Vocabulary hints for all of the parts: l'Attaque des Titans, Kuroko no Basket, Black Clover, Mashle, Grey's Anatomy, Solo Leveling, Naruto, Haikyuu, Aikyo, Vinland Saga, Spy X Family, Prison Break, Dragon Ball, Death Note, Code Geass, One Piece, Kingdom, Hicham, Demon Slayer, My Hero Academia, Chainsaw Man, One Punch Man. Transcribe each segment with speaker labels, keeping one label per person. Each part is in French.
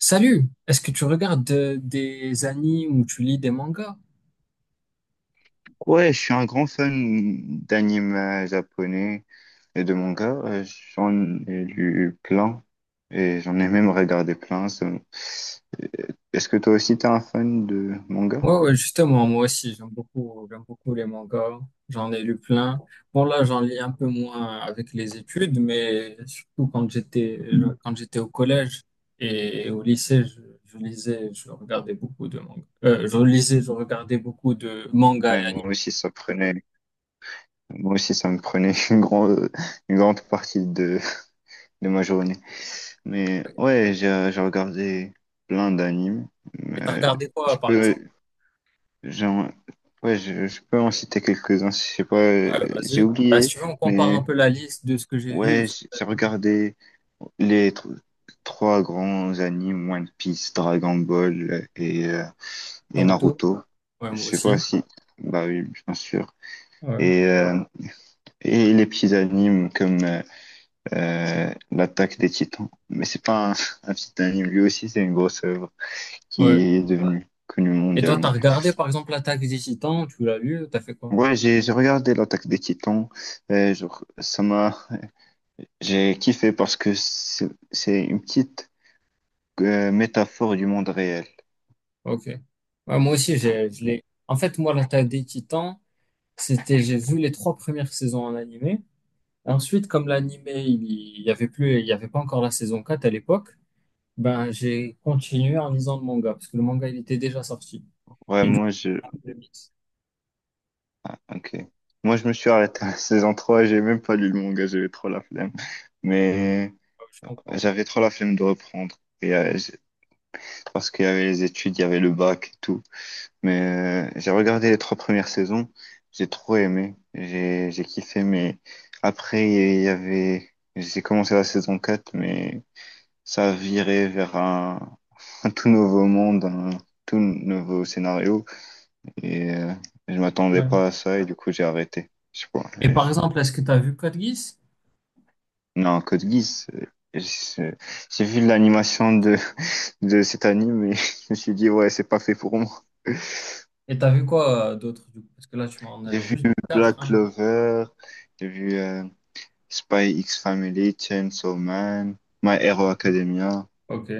Speaker 1: Salut, est-ce que tu regardes des animes ou tu lis des mangas?
Speaker 2: Ouais, je suis un grand fan d'anime japonais et de manga. J'en ai lu plein et j'en ai même regardé plein. Est-ce que toi aussi t'es un fan de manga?
Speaker 1: Ouais, ouais, justement, moi aussi, j'aime beaucoup les mangas. J'en ai lu plein. Bon, là, j'en lis un peu moins avec les études, mais surtout quand j'étais au collège et au lycée, je lisais, je regardais beaucoup de mangas. Je lisais, je regardais beaucoup de mangas et
Speaker 2: Ouais,
Speaker 1: animes.
Speaker 2: moi aussi ça me prenait une grande partie de ma journée. Mais ouais, j'ai regardé plein d'animes.
Speaker 1: Et t'as
Speaker 2: Mais
Speaker 1: regardé
Speaker 2: Je
Speaker 1: quoi, par
Speaker 2: peux,
Speaker 1: exemple?
Speaker 2: j'en- ouais, je peux en citer quelques-uns. Je sais pas,
Speaker 1: Ouais,
Speaker 2: j'ai
Speaker 1: vas-y. Bah, si
Speaker 2: oublié,
Speaker 1: tu veux, on compare
Speaker 2: mais
Speaker 1: un peu la liste de ce que j'ai vu.
Speaker 2: ouais, j'ai regardé les trois grands animes, One Piece, Dragon Ball et
Speaker 1: Naruto.
Speaker 2: Naruto.
Speaker 1: Ouais,
Speaker 2: Je
Speaker 1: moi
Speaker 2: sais
Speaker 1: aussi.
Speaker 2: pas si, bah oui, bien sûr.
Speaker 1: Ouais.
Speaker 2: Et, euh, et les petits animes comme l'Attaque des Titans. Mais c'est pas un, un petit anime, lui aussi c'est une grosse œuvre qui
Speaker 1: Ouais,
Speaker 2: est devenue connue
Speaker 1: et toi, t'as
Speaker 2: mondialement.
Speaker 1: regardé par exemple l'attaque des Titans, tu l'as lu, t'as fait quoi?
Speaker 2: Ouais, j'ai regardé l'Attaque des Titans. Genre, ça m'a, j'ai kiffé parce que c'est une petite métaphore du monde réel.
Speaker 1: Ok. Ouais, moi aussi, je l'ai. En fait, moi, l'attaque des Titans, j'ai vu les trois premières saisons en animé. Ensuite, comme l'animé, il y avait plus, il y avait pas encore la saison 4 à l'époque, ben, j'ai continué en lisant le manga, parce que le manga, il était déjà sorti.
Speaker 2: Ouais,
Speaker 1: Et du coup,
Speaker 2: moi je.
Speaker 1: j'ai fait le mix.
Speaker 2: Ah, ok. Moi je me suis arrêté à la saison trois, j'ai même pas lu le manga, j'avais trop la flemme. Mais
Speaker 1: Ouais, je comprends.
Speaker 2: j'avais trop la flemme de reprendre. Parce qu'il y avait les études, il y avait le bac et tout. Mais j'ai regardé les trois premières saisons, j'ai trop aimé, j'ai kiffé. Mais après, il y avait. J'ai commencé la saison quatre, mais ça a viré vers un, un tout nouveau monde, un tout nouveau scénario. Et je m'attendais
Speaker 1: Ouais.
Speaker 2: pas à ça et du coup j'ai arrêté. Je sais pas.
Speaker 1: Et par exemple, est-ce que t'as vu Code Geass?
Speaker 2: Non, Code Geass. Je- J'ai vu l'animation de cet anime et je me suis dit ouais c'est pas fait pour moi.
Speaker 1: Et t'as vu quoi d'autre, du coup? Parce que là, tu m'en as
Speaker 2: J'ai vu
Speaker 1: vu quatre,
Speaker 2: Black
Speaker 1: hein.
Speaker 2: Clover, j'ai vu Spy X Family, Chainsaw Man, My Hero Academia.
Speaker 1: Ok.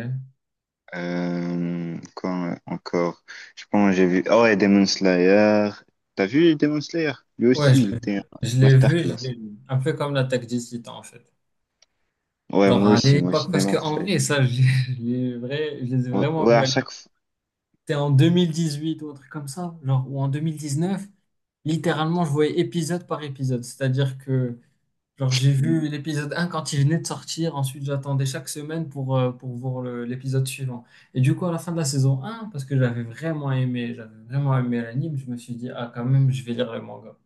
Speaker 2: Quoi encore? Je pense que j'ai vu. Oh ouais, Demon Slayer. T'as vu Demon Slayer? Lui
Speaker 1: Ouais,
Speaker 2: aussi,
Speaker 1: je
Speaker 2: il était un
Speaker 1: Je l'ai vu, je
Speaker 2: masterclass.
Speaker 1: l'ai vu. Un peu comme l'attaque des Titans, en fait.
Speaker 2: Ouais,
Speaker 1: Genre à
Speaker 2: moi
Speaker 1: l'époque,
Speaker 2: aussi,
Speaker 1: parce
Speaker 2: Demon
Speaker 1: qu'en
Speaker 2: Slayer.
Speaker 1: vrai, ça, je je les ai
Speaker 2: Ouais,
Speaker 1: vraiment
Speaker 2: ouais,
Speaker 1: vus
Speaker 2: à
Speaker 1: à l'époque.
Speaker 2: chaque fois.
Speaker 1: C'était en 2018 ou un truc comme ça, genre, ou en 2019. Littéralement, je voyais épisode par épisode. C'est-à-dire que, genre, j'ai vu l'épisode un quand il venait de sortir. Ensuite, j'attendais chaque semaine pour voir l'épisode suivant. Et du coup, à la fin de la saison un, parce que j'avais vraiment aimé l'anime, je me suis dit, ah, quand même, je vais lire le manga.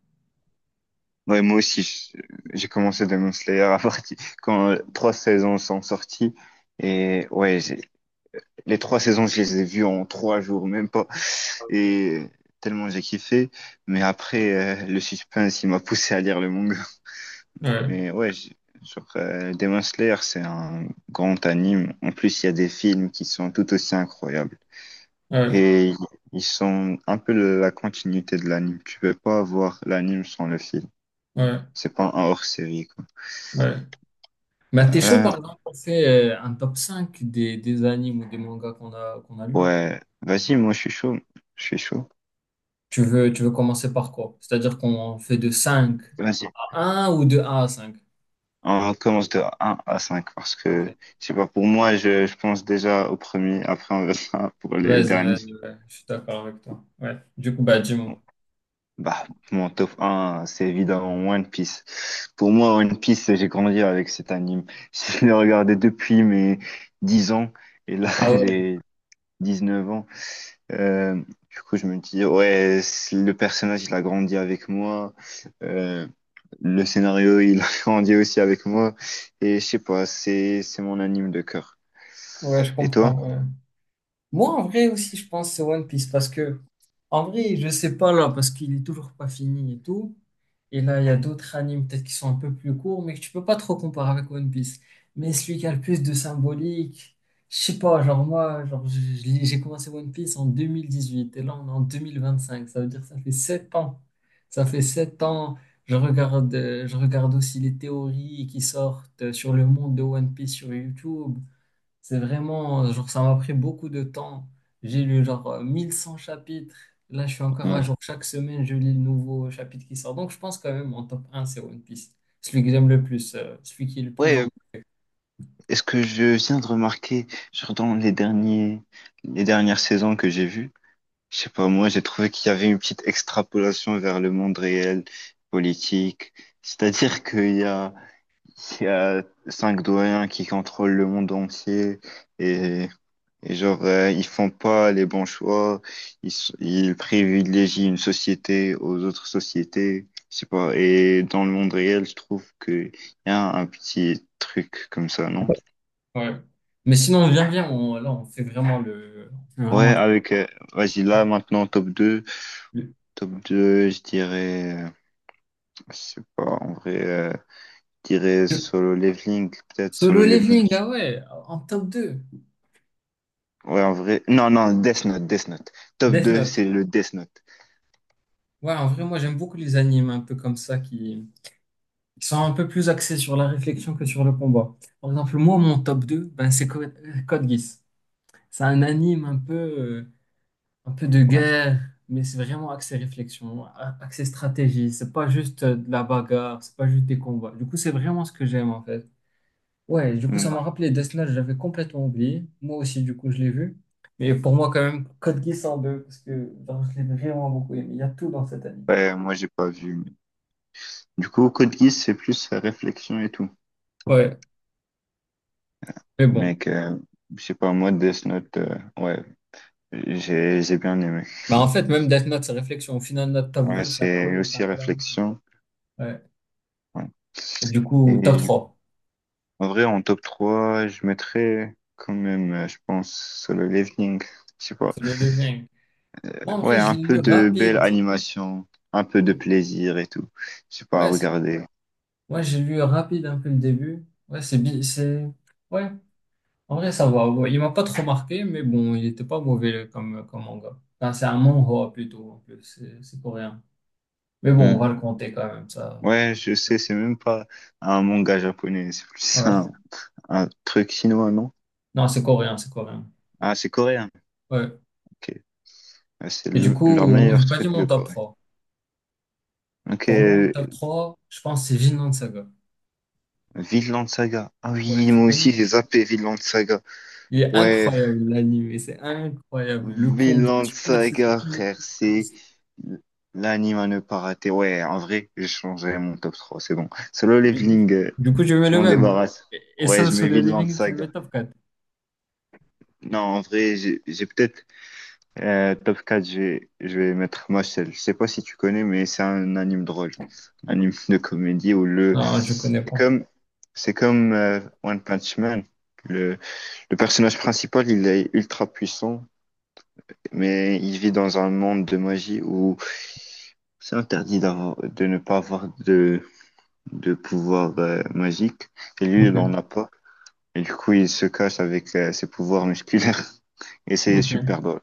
Speaker 2: Ouais, moi aussi, j'ai commencé Demon Slayer à partir quand trois saisons sont sorties. Et ouais, les trois saisons, je les ai vues en 3 jours, même pas. Et tellement j'ai kiffé. Mais après, le suspense, il m'a poussé à lire le manga.
Speaker 1: Ouais,
Speaker 2: Mais ouais, genre, Demon Slayer, c'est un grand anime. En plus, il y a des films qui sont tout aussi incroyables.
Speaker 1: ouais,
Speaker 2: Et ils sont un peu la continuité de l'anime. Tu peux pas avoir l'anime sans le film.
Speaker 1: ouais.
Speaker 2: C'est pas un hors-série, quoi.
Speaker 1: Ouais. Bah, t'es chaud,
Speaker 2: Euh,
Speaker 1: par exemple, on fait un top 5 des animes ou des mangas qu'on a lus.
Speaker 2: ouais, vas-y, moi je suis chaud. Je suis chaud.
Speaker 1: Tu veux commencer par quoi? C'est-à-dire qu'on fait de cinq
Speaker 2: Vas-y.
Speaker 1: à un ou de un à 5.
Speaker 2: On commence de un à 5 parce
Speaker 1: Ok.
Speaker 2: que, je sais pas, pour moi, je pense déjà au premier, après on verra pour les
Speaker 1: Vas-y,
Speaker 2: derniers.
Speaker 1: vas-y, ouais, je suis d'accord avec toi. Ouais. Du coup, bah,
Speaker 2: Bon,
Speaker 1: dis-moi.
Speaker 2: bah, mon top un c'est évidemment One Piece. Pour moi, One Piece, j'ai grandi avec cet anime. Je l'ai regardé depuis mes 10 ans et là,
Speaker 1: Ah ouais,
Speaker 2: j'ai 19 ans. Euh, du coup, je me dis, ouais, le personnage, il a grandi avec moi. Euh, le scénario, il a grandi aussi avec moi. Et je sais pas, c'est mon anime de cœur.
Speaker 1: ouais, je
Speaker 2: Et toi?
Speaker 1: comprends. Ouais. Moi, en vrai aussi, je pense que c'est One Piece parce que, en vrai, je sais pas là, parce qu'il est toujours pas fini et tout. Et là, il y a d'autres animes peut-être qui sont un peu plus courts, mais que tu peux pas trop comparer avec One Piece. Mais celui qui a le plus de symbolique, je sais pas, genre moi, genre, j'ai commencé One Piece en 2018 et là, on est en 2025. Ça veut dire que ça fait 7 ans. Ça fait 7 ans. Je regarde aussi les théories qui sortent sur le monde de One Piece sur YouTube. C'est vraiment, genre, ça m'a pris beaucoup de temps. J'ai lu, genre, 1100 chapitres. Là, je suis encore à
Speaker 2: Hmm.
Speaker 1: jour. Chaque semaine, je lis le nouveau chapitre qui sort. Donc, je pense quand même, en top un c'est One Piece. Celui que j'aime le plus, celui qui est le plus dans
Speaker 2: Ouais,
Speaker 1: mon...
Speaker 2: est-ce que je viens de remarquer, genre dans les derniers, les dernières saisons que j'ai vues, je sais pas, moi j'ai trouvé qu'il y avait une petite extrapolation vers le monde réel, politique. C'est-à-dire qu'il y a cinq doyens qui contrôlent le monde entier. Et Et genre, ils font pas les bons choix, ils privilégient une société aux autres sociétés, je sais pas. Et dans le monde réel, je trouve qu'il y a un petit truc comme ça, non?
Speaker 1: Ouais. Mais sinon, viens, viens, là, on fait vraiment le... on fait
Speaker 2: Ouais,
Speaker 1: vraiment
Speaker 2: avec, vas-y, là, maintenant, top deux.
Speaker 1: le-
Speaker 2: Top deux, je dirais, je sais pas, en vrai, je dirais Solo Leveling, peut-être
Speaker 1: Solo
Speaker 2: Solo Leveling.
Speaker 1: Leveling, ah ouais, en top 2
Speaker 2: Ouais, en vrai, non, non, Death Note, Death Note. Top
Speaker 1: Death
Speaker 2: 2
Speaker 1: Note.
Speaker 2: c'est le Death Note.
Speaker 1: Ouais, en vrai, moi, j'aime beaucoup les animes un peu comme ça qui sont un peu plus axés sur la réflexion que sur le combat. Par exemple, moi, mon top 2 ben, c'est Code Geass. C'est un anime un peu de
Speaker 2: Ouais.
Speaker 1: guerre, mais c'est vraiment axé réflexion, axé stratégie. C'est pas juste de la bagarre, c'est pas juste des combats. Du coup, c'est vraiment ce que j'aime en fait. Ouais, du coup, ça m'a
Speaker 2: Mm.
Speaker 1: rappelé Death Note, j'avais complètement oublié. Moi aussi, du coup, je l'ai vu. Mais pour moi, quand même, Code Geass en deux, parce que genre, je l'ai vraiment beaucoup aimé. Il y a tout dans cet anime.
Speaker 2: Ouais, moi, j'ai pas vu. Du coup, Code Geass, c'est plus réflexion et tout.
Speaker 1: Ouais, mais bon.
Speaker 2: Mec que, je sais pas, moi, Death Note, ouais, j'ai bien aimé.
Speaker 1: Bah, en fait, même Death Note, c'est réflexion. Au final, notre top
Speaker 2: Ouais,
Speaker 1: 2
Speaker 2: c'est
Speaker 1: c'est un
Speaker 2: aussi
Speaker 1: peu la même.
Speaker 2: réflexion.
Speaker 1: Ouais.
Speaker 2: Ouais.
Speaker 1: Et du coup, top
Speaker 2: Et du-
Speaker 1: trois?
Speaker 2: En vrai, en top 3 je mettrais quand même, je pense, Solo Leveling. Je sais pas.
Speaker 1: C'est le leveling. En
Speaker 2: Ouais,
Speaker 1: vrai, je
Speaker 2: un
Speaker 1: l'ai
Speaker 2: peu
Speaker 1: lu
Speaker 2: de belle
Speaker 1: rapide.
Speaker 2: animation, un peu de plaisir et tout. Je sais pas,
Speaker 1: Ouais,
Speaker 2: regarder.
Speaker 1: ouais, j'ai lu rapide un peu le début. Ouais, c'est ouais. En vrai, ça va. Ouais, il m'a pas trop marqué, mais bon, il était pas mauvais comme comme manga. Enfin, c'est un manhwa plutôt en plus. C'est coréen. Mais bon, on va le
Speaker 2: Hmm.
Speaker 1: compter quand même ça.
Speaker 2: Ouais, je sais, c'est même pas un manga japonais, c'est plus
Speaker 1: Ouais.
Speaker 2: un, truc chinois, non?
Speaker 1: Non, c'est coréen, c'est coréen.
Speaker 2: Ah, c'est coréen.
Speaker 1: Ouais.
Speaker 2: Ok. Ouais,
Speaker 1: Et du
Speaker 2: leur
Speaker 1: coup, moi, j'ai
Speaker 2: meilleur
Speaker 1: pas dit
Speaker 2: truc de
Speaker 1: mon top
Speaker 2: Corée.
Speaker 1: trois.
Speaker 2: Ok,
Speaker 1: Pour moi, mon top 3 je pense que c'est Vinland Saga.
Speaker 2: Vinland Saga. Ah
Speaker 1: Ouais,
Speaker 2: oui,
Speaker 1: tu
Speaker 2: moi
Speaker 1: connais.
Speaker 2: aussi j'ai zappé Vinland Saga.
Speaker 1: Il est
Speaker 2: Ouais,
Speaker 1: incroyable l'anime, c'est incroyable. Le combat,
Speaker 2: Vinland
Speaker 1: surtout la saison
Speaker 2: Saga, frère,
Speaker 1: 1,
Speaker 2: c'est l'anime à ne pas rater. Ouais, en vrai, j'ai changé mon top trois, c'est bon. Solo
Speaker 1: du coup,
Speaker 2: Leveling,
Speaker 1: du coup, je mets
Speaker 2: je
Speaker 1: le
Speaker 2: m'en
Speaker 1: même.
Speaker 2: débarrasse.
Speaker 1: Et
Speaker 2: Ouais,
Speaker 1: ça,
Speaker 2: je
Speaker 1: sur
Speaker 2: mets
Speaker 1: le
Speaker 2: Vinland
Speaker 1: living, tu le mets
Speaker 2: Saga.
Speaker 1: top quatre.
Speaker 2: Non, en vrai, j'ai peut-être top 4, je vais, mettre Mashle. Je sais pas si tu connais, mais c'est un anime drôle. Un anime de comédie où le.
Speaker 1: Non, je connais
Speaker 2: C'est
Speaker 1: pas.
Speaker 2: comme, One Punch Man. Le, le personnage principal, il est ultra puissant, mais il vit dans un monde de magie où c'est interdit de ne pas avoir de pouvoir magique. Et lui, il
Speaker 1: Ok,
Speaker 2: en a pas. Et du coup, il se cache avec ses pouvoirs musculaires. Et c'est
Speaker 1: ok,
Speaker 2: super drôle.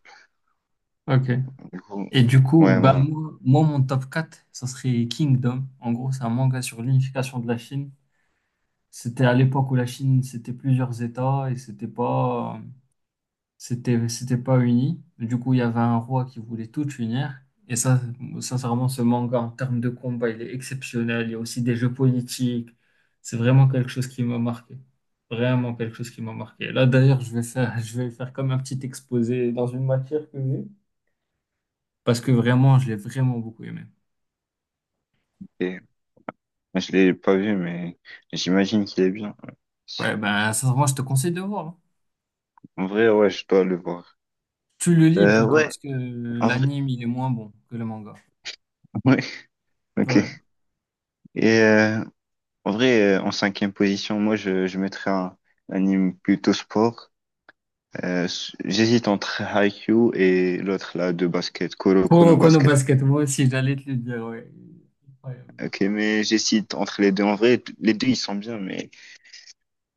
Speaker 1: ok.
Speaker 2: Du coup,
Speaker 1: Et du coup,
Speaker 2: ouais,
Speaker 1: bah, moi, moi, mon top 4, ça serait Kingdom. En gros, c'est un manga sur l'unification de la Chine. C'était à l'époque où la Chine, c'était plusieurs États et c'était pas. C'était pas uni. Du coup, il y avait un roi qui voulait tout unir. Et ça, sincèrement, ce manga en termes de combat, il est exceptionnel. Il y a aussi des jeux politiques. C'est vraiment quelque chose qui m'a marqué. Vraiment quelque chose qui m'a marqué. Là, d'ailleurs, je vais faire, je vais faire comme un petit exposé dans une matière que j'ai. Parce que vraiment, je l'ai vraiment beaucoup aimé.
Speaker 2: et Je l'ai pas vu, mais j'imagine qu'il est bien.
Speaker 1: Ouais, ben, sincèrement, je te conseille de voir. Hein.
Speaker 2: En vrai, ouais, je dois le voir.
Speaker 1: Tu le lis plutôt,
Speaker 2: Ouais,
Speaker 1: parce que
Speaker 2: en vrai,
Speaker 1: l'anime, il est moins bon que le manga.
Speaker 2: ouais, ok.
Speaker 1: Ouais.
Speaker 2: Et en vrai, en cinquième position, moi, je mettrais un, anime plutôt sport. J'hésite entre Haikyuu et l'autre là de basket, Kuroko no
Speaker 1: Pour Kono
Speaker 2: Basket.
Speaker 1: Basket, moi aussi, j'allais te le dire, ouais. Ouais.
Speaker 2: Ok, mais j'hésite entre les deux. En vrai, les deux, ils sont bien, mais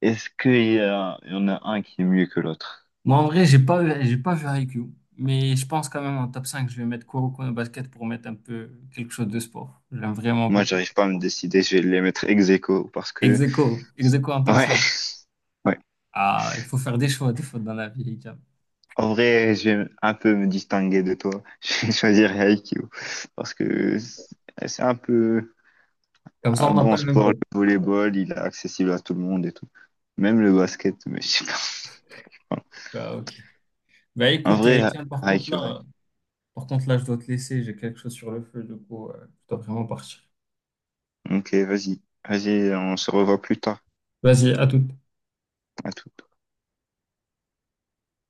Speaker 2: est-ce qu'il y en a un qui est mieux que l'autre?
Speaker 1: Moi, en vrai, j'ai pas vu Haikyuu, mais je pense quand même en top 5 je vais mettre Kuroko no Basket pour mettre un peu quelque chose de sport. J'aime vraiment
Speaker 2: Moi,
Speaker 1: beaucoup.
Speaker 2: j'arrive pas à me décider. Je vais les mettre ex aequo parce
Speaker 1: Ex
Speaker 2: que,
Speaker 1: aequo, ex aequo en top
Speaker 2: ouais.
Speaker 1: cinq. Ah, il faut faire des choix, des fois dans la vie, Hicham.
Speaker 2: En vrai, je vais un peu me distinguer de toi. Je vais choisir Aikyo parce que c'est un peu
Speaker 1: Comme ça,
Speaker 2: un
Speaker 1: on n'a pas
Speaker 2: bon
Speaker 1: le même
Speaker 2: sport,
Speaker 1: top.
Speaker 2: le volleyball, il est accessible à tout le monde et tout. Même le basket, mais je sais pas. Voilà.
Speaker 1: Bah, ok. Bah,
Speaker 2: En
Speaker 1: écoute,
Speaker 2: vrai,
Speaker 1: Hicham, par contre,
Speaker 2: Aikyo,
Speaker 1: par contre, là, je dois te laisser, j'ai quelque chose sur le feu, du coup, je dois vraiment partir.
Speaker 2: ok, vas-y. Vas-y, on se revoit plus tard.
Speaker 1: Vas-y, à tout.
Speaker 2: À tout.